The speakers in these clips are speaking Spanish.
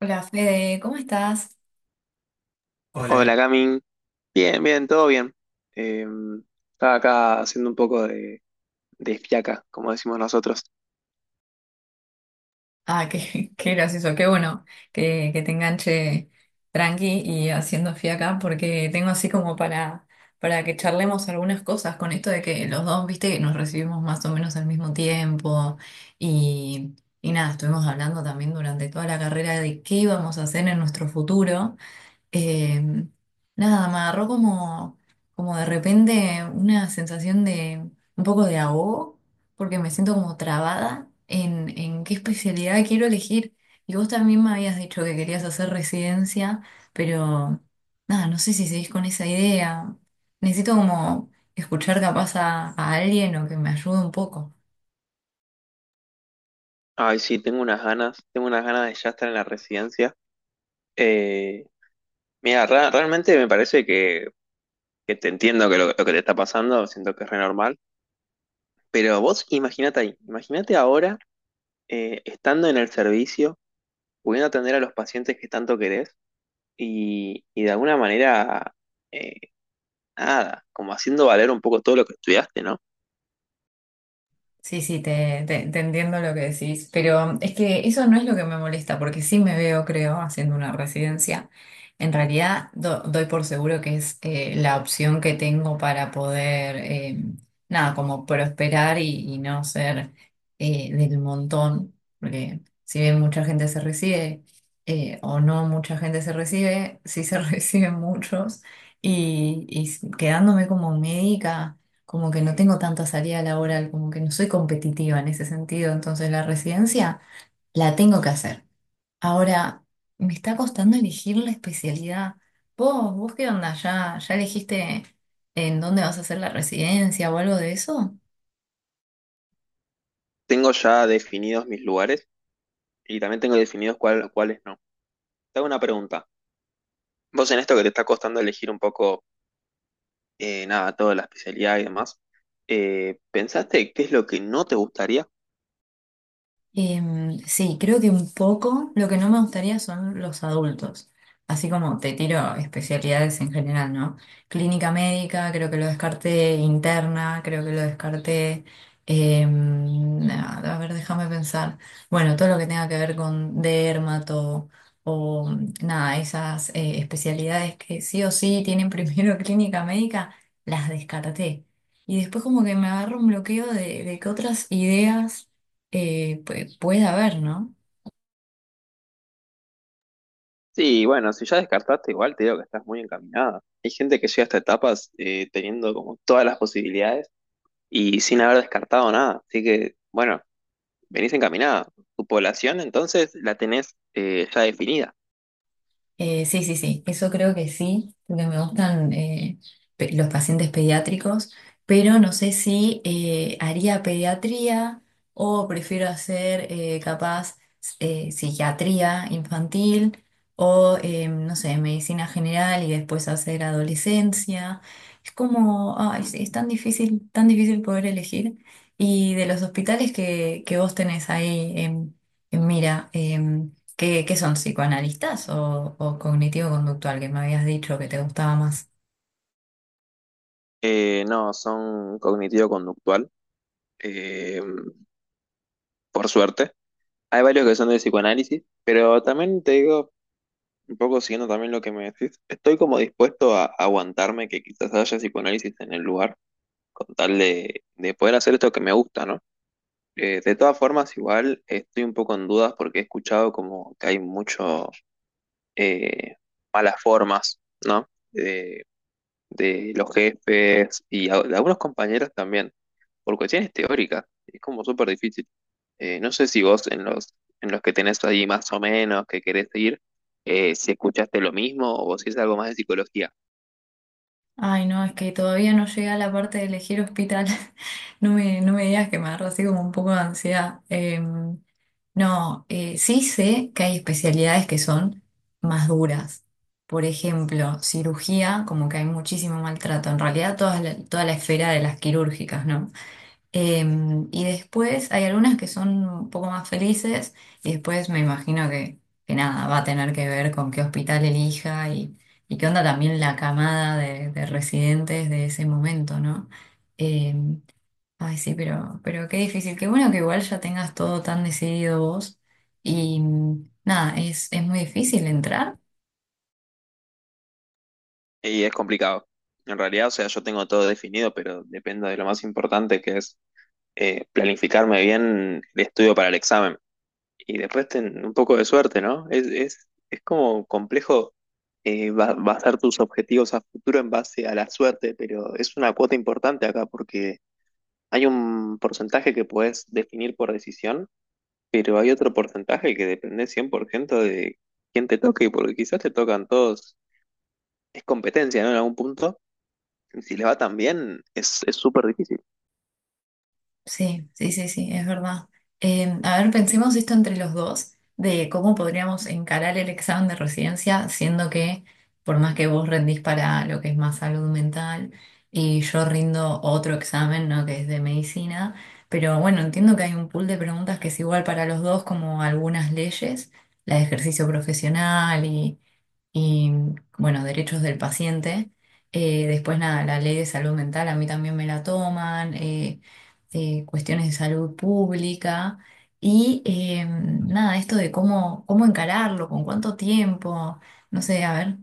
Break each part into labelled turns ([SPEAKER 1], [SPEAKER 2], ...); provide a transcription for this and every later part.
[SPEAKER 1] Hola, Fede, ¿cómo estás? Hola.
[SPEAKER 2] Hola, Camin. Bien, bien, todo bien. Eh, Estaba acá haciendo un poco de fiaca, como decimos nosotros.
[SPEAKER 1] Ah, qué, qué gracioso, qué bueno que te enganche tranqui y haciendo fiaca porque tengo así como para que charlemos algunas cosas con esto de que los dos, viste, que nos recibimos más o menos al mismo tiempo y, y nada, estuvimos hablando también durante toda la carrera de qué íbamos a hacer en nuestro futuro. Eh, Nada, me agarró como, como de repente una sensación de un poco de ahogo, porque me siento como trabada en qué especialidad quiero elegir. Y vos también me habías dicho que querías hacer residencia, pero nada, no sé si seguís con esa idea. Necesito como escuchar capaz a alguien o que me ayude un poco.
[SPEAKER 2] Ay, sí, tengo unas ganas de ya estar en la residencia. Eh, Mira, realmente me parece que te entiendo que lo que te está pasando, siento que es re normal. Pero vos imagínate ahí, imagínate ahora estando en el servicio, pudiendo atender a los pacientes que tanto querés y de alguna manera, eh, nada, como haciendo valer un poco todo lo que estudiaste, ¿no?
[SPEAKER 1] Sí, sí, te entiendo lo que decís, pero es que eso no es lo que me molesta, porque sí me veo, creo, haciendo una residencia. En realidad, doy por seguro que es la opción que tengo para poder, nada, como prosperar y no ser del montón, porque si bien mucha gente se recibe o no mucha gente se recibe, sí se reciben muchos y quedándome como médica como que no tengo tanta salida laboral, como que no soy competitiva en ese sentido, entonces la residencia la tengo que hacer. Ahora, me está costando elegir la especialidad. ¿Vos qué onda? ¿Ya elegiste en dónde vas a hacer la residencia o algo de eso?
[SPEAKER 2] Tengo ya definidos mis lugares y también tengo definidos cuáles no. Te hago una pregunta. Vos en esto que te está costando elegir un poco, nada, toda la especialidad y demás, ¿pensaste qué es lo que no te gustaría?
[SPEAKER 1] Em, sí, creo que un poco lo que no me gustaría son los adultos, así como te tiro especialidades en general, ¿no? Clínica médica, creo que lo descarté, interna, creo que lo descarté, em, a ver, déjame pensar, bueno, todo lo que tenga que ver con dermato o nada, esas especialidades que sí o sí tienen primero clínica médica, las descarté. Y después como que me agarro un bloqueo de que otras ideas puede haber, ¿no?
[SPEAKER 2] Sí, bueno, si ya descartaste igual, te digo que estás muy encaminada. Hay gente que llega a estas etapas teniendo como todas las posibilidades y sin haber descartado nada. Así que, bueno, venís encaminada. Tu población entonces la tenés ya definida.
[SPEAKER 1] Sí, sí, sí, eso creo que sí, porque me gustan los pacientes pediátricos, pero no sé si haría pediatría o prefiero hacer capaz psiquiatría infantil o, no sé, medicina general y después hacer adolescencia. Es como, ay, sí, es tan difícil poder elegir. Y de los hospitales que vos tenés ahí en mira. Em, ¿qué son psicoanalistas o cognitivo-conductual que me habías dicho que te gustaba más?
[SPEAKER 2] No, son cognitivo-conductual. Eh, por suerte. Hay varios que son de psicoanálisis, pero también te digo, un poco siguiendo también lo que me decís, estoy como dispuesto a aguantarme que quizás haya psicoanálisis en el lugar, con tal de poder hacer esto que me gusta, ¿no? De todas formas, igual estoy un poco en dudas porque he escuchado como que hay mucho eh, malas formas, ¿no? De los jefes y de algunos compañeros también, por cuestiones teóricas. Es como súper difícil. No sé si vos en en los que tenés ahí más o menos que querés seguir, si escuchaste lo mismo o si es algo más de psicología.
[SPEAKER 1] Ay, no, es que todavía no llegué a la parte de elegir hospital. No me digas que me agarró así como un poco de ansiedad. No, sí sé que hay especialidades que son más duras. Por ejemplo, cirugía, como que hay muchísimo maltrato. En realidad, toda la esfera de las quirúrgicas, ¿no? Em, y después hay algunas que son un poco más felices y después me imagino que nada, va a tener que ver con qué hospital elija y qué onda también la camada de residentes de ese momento, ¿no? Em, ay, sí, pero qué difícil, qué bueno que igual ya tengas todo tan decidido vos y mm, nada, es muy difícil entrar.
[SPEAKER 2] Y es complicado. En realidad, o sea, yo tengo todo definido, pero dependo de lo más importante que es planificarme bien el estudio para el examen. Y después ten un poco de suerte, ¿no? Es como complejo basar tus objetivos a futuro en base a la suerte, pero es una cuota importante acá porque hay un porcentaje que puedes definir por decisión. Pero hay otro porcentaje que depende 100% de quién te toque, porque quizás te tocan todos. Es competencia, ¿no? En algún punto. Y si les va tan bien, es súper difícil.
[SPEAKER 1] Sí, sí, sí, sí, es verdad. A ver, pensemos esto entre los dos, de cómo podríamos encarar el examen de residencia, siendo que por más que vos rendís para lo que es más salud mental y yo rindo otro examen, ¿no? Que es de medicina, pero bueno, entiendo que hay un pool de preguntas que es igual para los dos, como algunas leyes, la de ejercicio profesional y bueno, derechos del paciente. Después nada, la ley de salud mental a mí también me la toman, cuestiones de salud pública y nada, esto de cómo, cómo encararlo, con cuánto tiempo, no sé, a ver.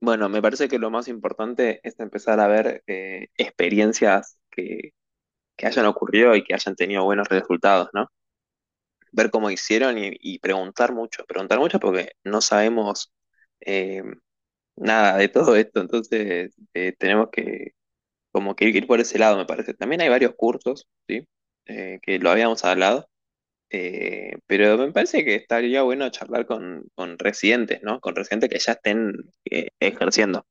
[SPEAKER 2] Bueno, me parece que lo más importante es empezar a ver experiencias que hayan ocurrido y que hayan tenido buenos resultados, ¿no? Ver cómo hicieron y preguntar mucho. Preguntar mucho porque no sabemos eh, nada de todo esto, entonces tenemos que. Como que ir por ese lado, me parece. También hay varios cursos, ¿sí? Que lo habíamos hablado, pero me parece que estaría bueno charlar con residentes, ¿no? Con residentes que ya estén ejerciendo.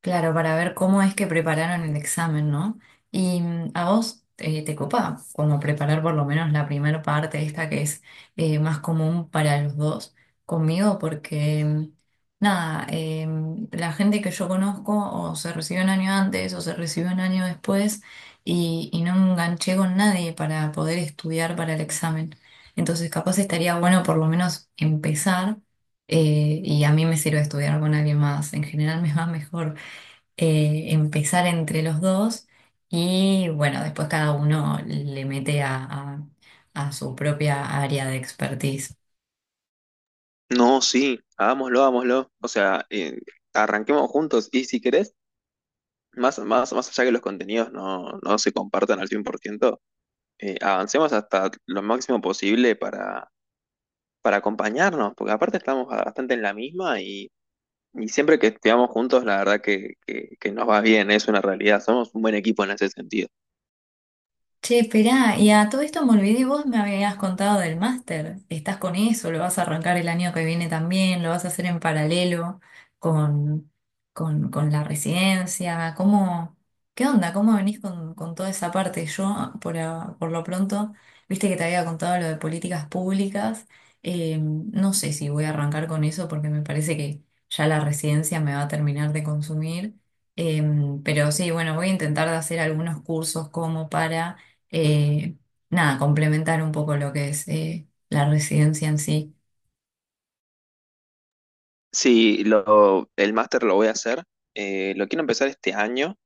[SPEAKER 1] Claro, para ver cómo es que prepararon el examen, ¿no? Y mm, a vos te copa como preparar por lo menos la primera parte, esta que es más común para los dos conmigo, porque mm, nada, la gente que yo conozco o se recibió un año antes o se recibió un año después y no enganché con nadie para poder estudiar para el examen. Entonces capaz estaría bueno por lo menos empezar y a mí me sirve estudiar con alguien más. En general me va mejor empezar entre los dos y bueno, después cada uno le mete a su propia área de expertise.
[SPEAKER 2] No, sí, hagámoslo, hagámoslo. O sea, arranquemos juntos y si querés, más allá que los contenidos no se compartan al 100%, avancemos hasta lo máximo posible para acompañarnos, porque aparte estamos bastante en la misma. Y siempre que estudiamos juntos, la verdad que nos va bien, es una realidad. Somos un buen equipo en ese sentido.
[SPEAKER 1] Che, esperá, y a todo esto me olvidé, vos me habías contado del máster. ¿Estás con eso? ¿Lo vas a arrancar el año que viene también? ¿Lo vas a hacer en paralelo con, con la residencia? ¿Cómo, qué onda? ¿Cómo venís con toda esa parte? Yo, por, por lo pronto, viste que te había contado lo de políticas públicas. No sé si voy a arrancar con eso porque me parece que ya la residencia me va a terminar de consumir. Em, pero sí, bueno, voy a intentar de hacer algunos cursos como para eh, nada, complementar un poco lo que es la residencia en sí.
[SPEAKER 2] Sí, el máster lo voy a hacer. Eh, lo quiero empezar este año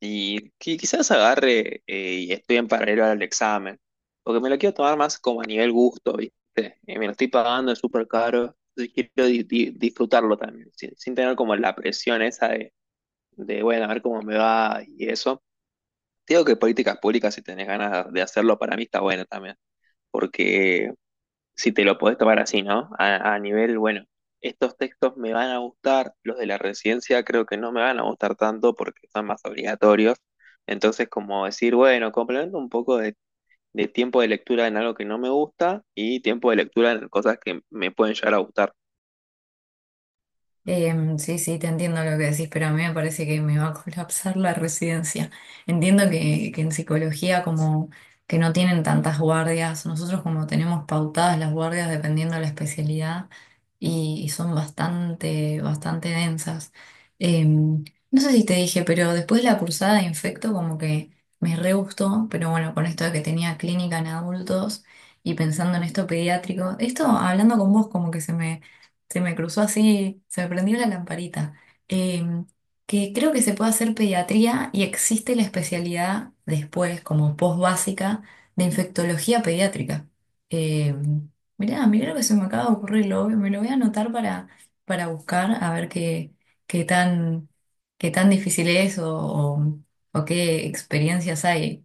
[SPEAKER 2] y quizás agarre y estudie en paralelo al examen. Porque me lo quiero tomar más como a nivel gusto, ¿viste? Y me lo estoy pagando, es súper caro. Y quiero disfrutarlo también, sin tener como la presión esa de, bueno, a ver cómo me va y eso. Te digo que políticas públicas, si tenés ganas de hacerlo, para mí está bueno también porque si te lo podés tomar así, ¿no? A nivel, bueno, estos textos me van a gustar, los de la residencia creo que no me van a gustar tanto porque son más obligatorios. Entonces, como decir, bueno, complemento un poco de tiempo de lectura en algo que no me gusta y tiempo de lectura en cosas que me pueden llegar a gustar.
[SPEAKER 1] Em, sí, sí, te entiendo lo que decís, pero a mí me parece que me va a colapsar la residencia. Entiendo que en psicología como que no tienen tantas guardias, nosotros como tenemos pautadas las guardias dependiendo de la especialidad y son bastante, bastante densas. Em, no sé si te dije, pero después la cursada de infecto como que me re gustó, pero bueno, con esto de que tenía clínica en adultos y pensando en esto pediátrico, esto hablando con vos como que se me cruzó así, se me prendió la lamparita. Em, que creo que se puede hacer pediatría y existe la especialidad después, como post básica, de infectología pediátrica. Em, mirá, mirá lo que se me acaba de ocurrir, me lo voy a anotar para buscar, a ver qué, qué tan, qué tan difícil es o, o qué experiencias hay.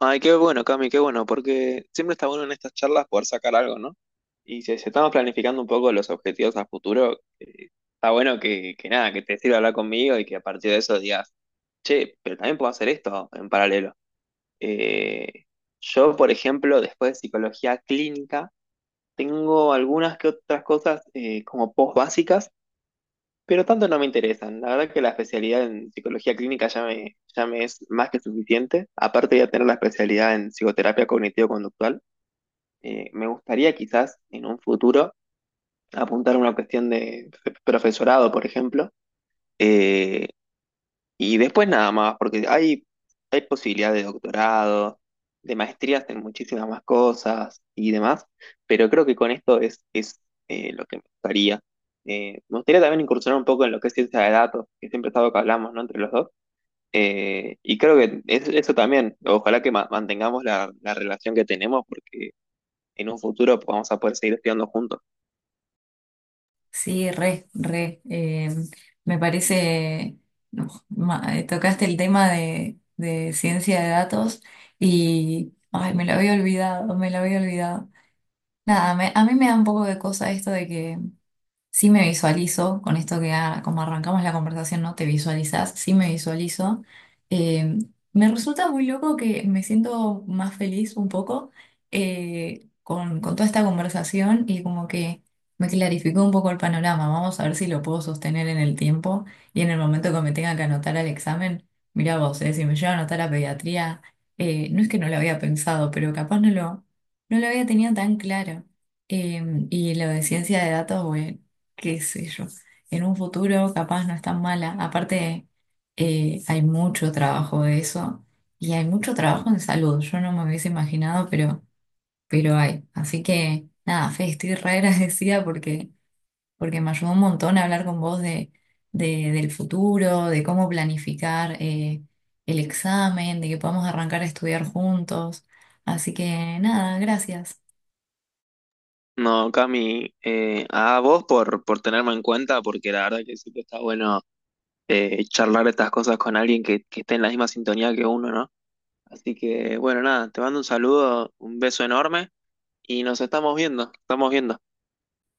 [SPEAKER 2] Ay, qué bueno, Cami, qué bueno, porque siempre está bueno en estas charlas poder sacar algo, ¿no? Y si, si estamos planificando un poco los objetivos a futuro, está bueno que nada, que te sirva hablar conmigo y que a partir de eso digas, che, pero también puedo hacer esto en paralelo. Eh, yo, por ejemplo, después de psicología clínica, tengo algunas que otras cosas como post básicas, pero tanto no me interesan. La verdad que la especialidad en psicología clínica ya me es más que suficiente. Aparte de tener la especialidad en psicoterapia cognitivo-conductual, me gustaría quizás en un futuro apuntar a una cuestión de profesorado, por ejemplo. Eh, Y después nada más, porque hay posibilidades de doctorado, de maestrías en muchísimas más cosas y demás, pero creo que con esto es lo que me gustaría. Me gustaría también incursionar un poco en lo que es ciencia de datos, que siempre es algo que hablamos, ¿no? Entre los dos. Y creo que eso también, ojalá que mantengamos la relación que tenemos, porque en un futuro vamos a poder seguir estudiando juntos.
[SPEAKER 1] Sí, re, re. Eh, me parece, uf, tocaste el tema de ciencia de datos y, ay, me lo había olvidado, me lo había olvidado. Nada, a mí me da un poco de cosa esto de que sí me visualizo, con esto que ah, como arrancamos la conversación, ¿no? Te visualizas, sí me visualizo. Eh, me resulta muy loco que me siento más feliz un poco con toda esta conversación y como que me clarificó un poco el panorama. Vamos a ver si lo puedo sostener en el tiempo y en el momento que me tenga que anotar al examen. Mirá vos, si me llevo a anotar a pediatría, no es que no lo había pensado, pero capaz no lo había tenido tan claro. Em, y lo de ciencia de datos, bueno qué sé yo, en un futuro capaz no es tan mala. Aparte, hay mucho trabajo de eso y hay mucho trabajo en salud. Yo no me hubiese imaginado, pero hay. Así que nada, Fe, estoy re agradecida porque, porque me ayudó un montón a hablar con vos de, del futuro, de cómo planificar el examen, de que podamos arrancar a estudiar juntos. Así que nada, gracias.
[SPEAKER 2] No, Cami, a vos por tenerme en cuenta, porque la verdad que siempre está bueno charlar estas cosas con alguien que esté en la misma sintonía que uno, ¿no? Así que, bueno, nada, te mando un saludo, un beso enorme y nos estamos viendo, estamos viendo.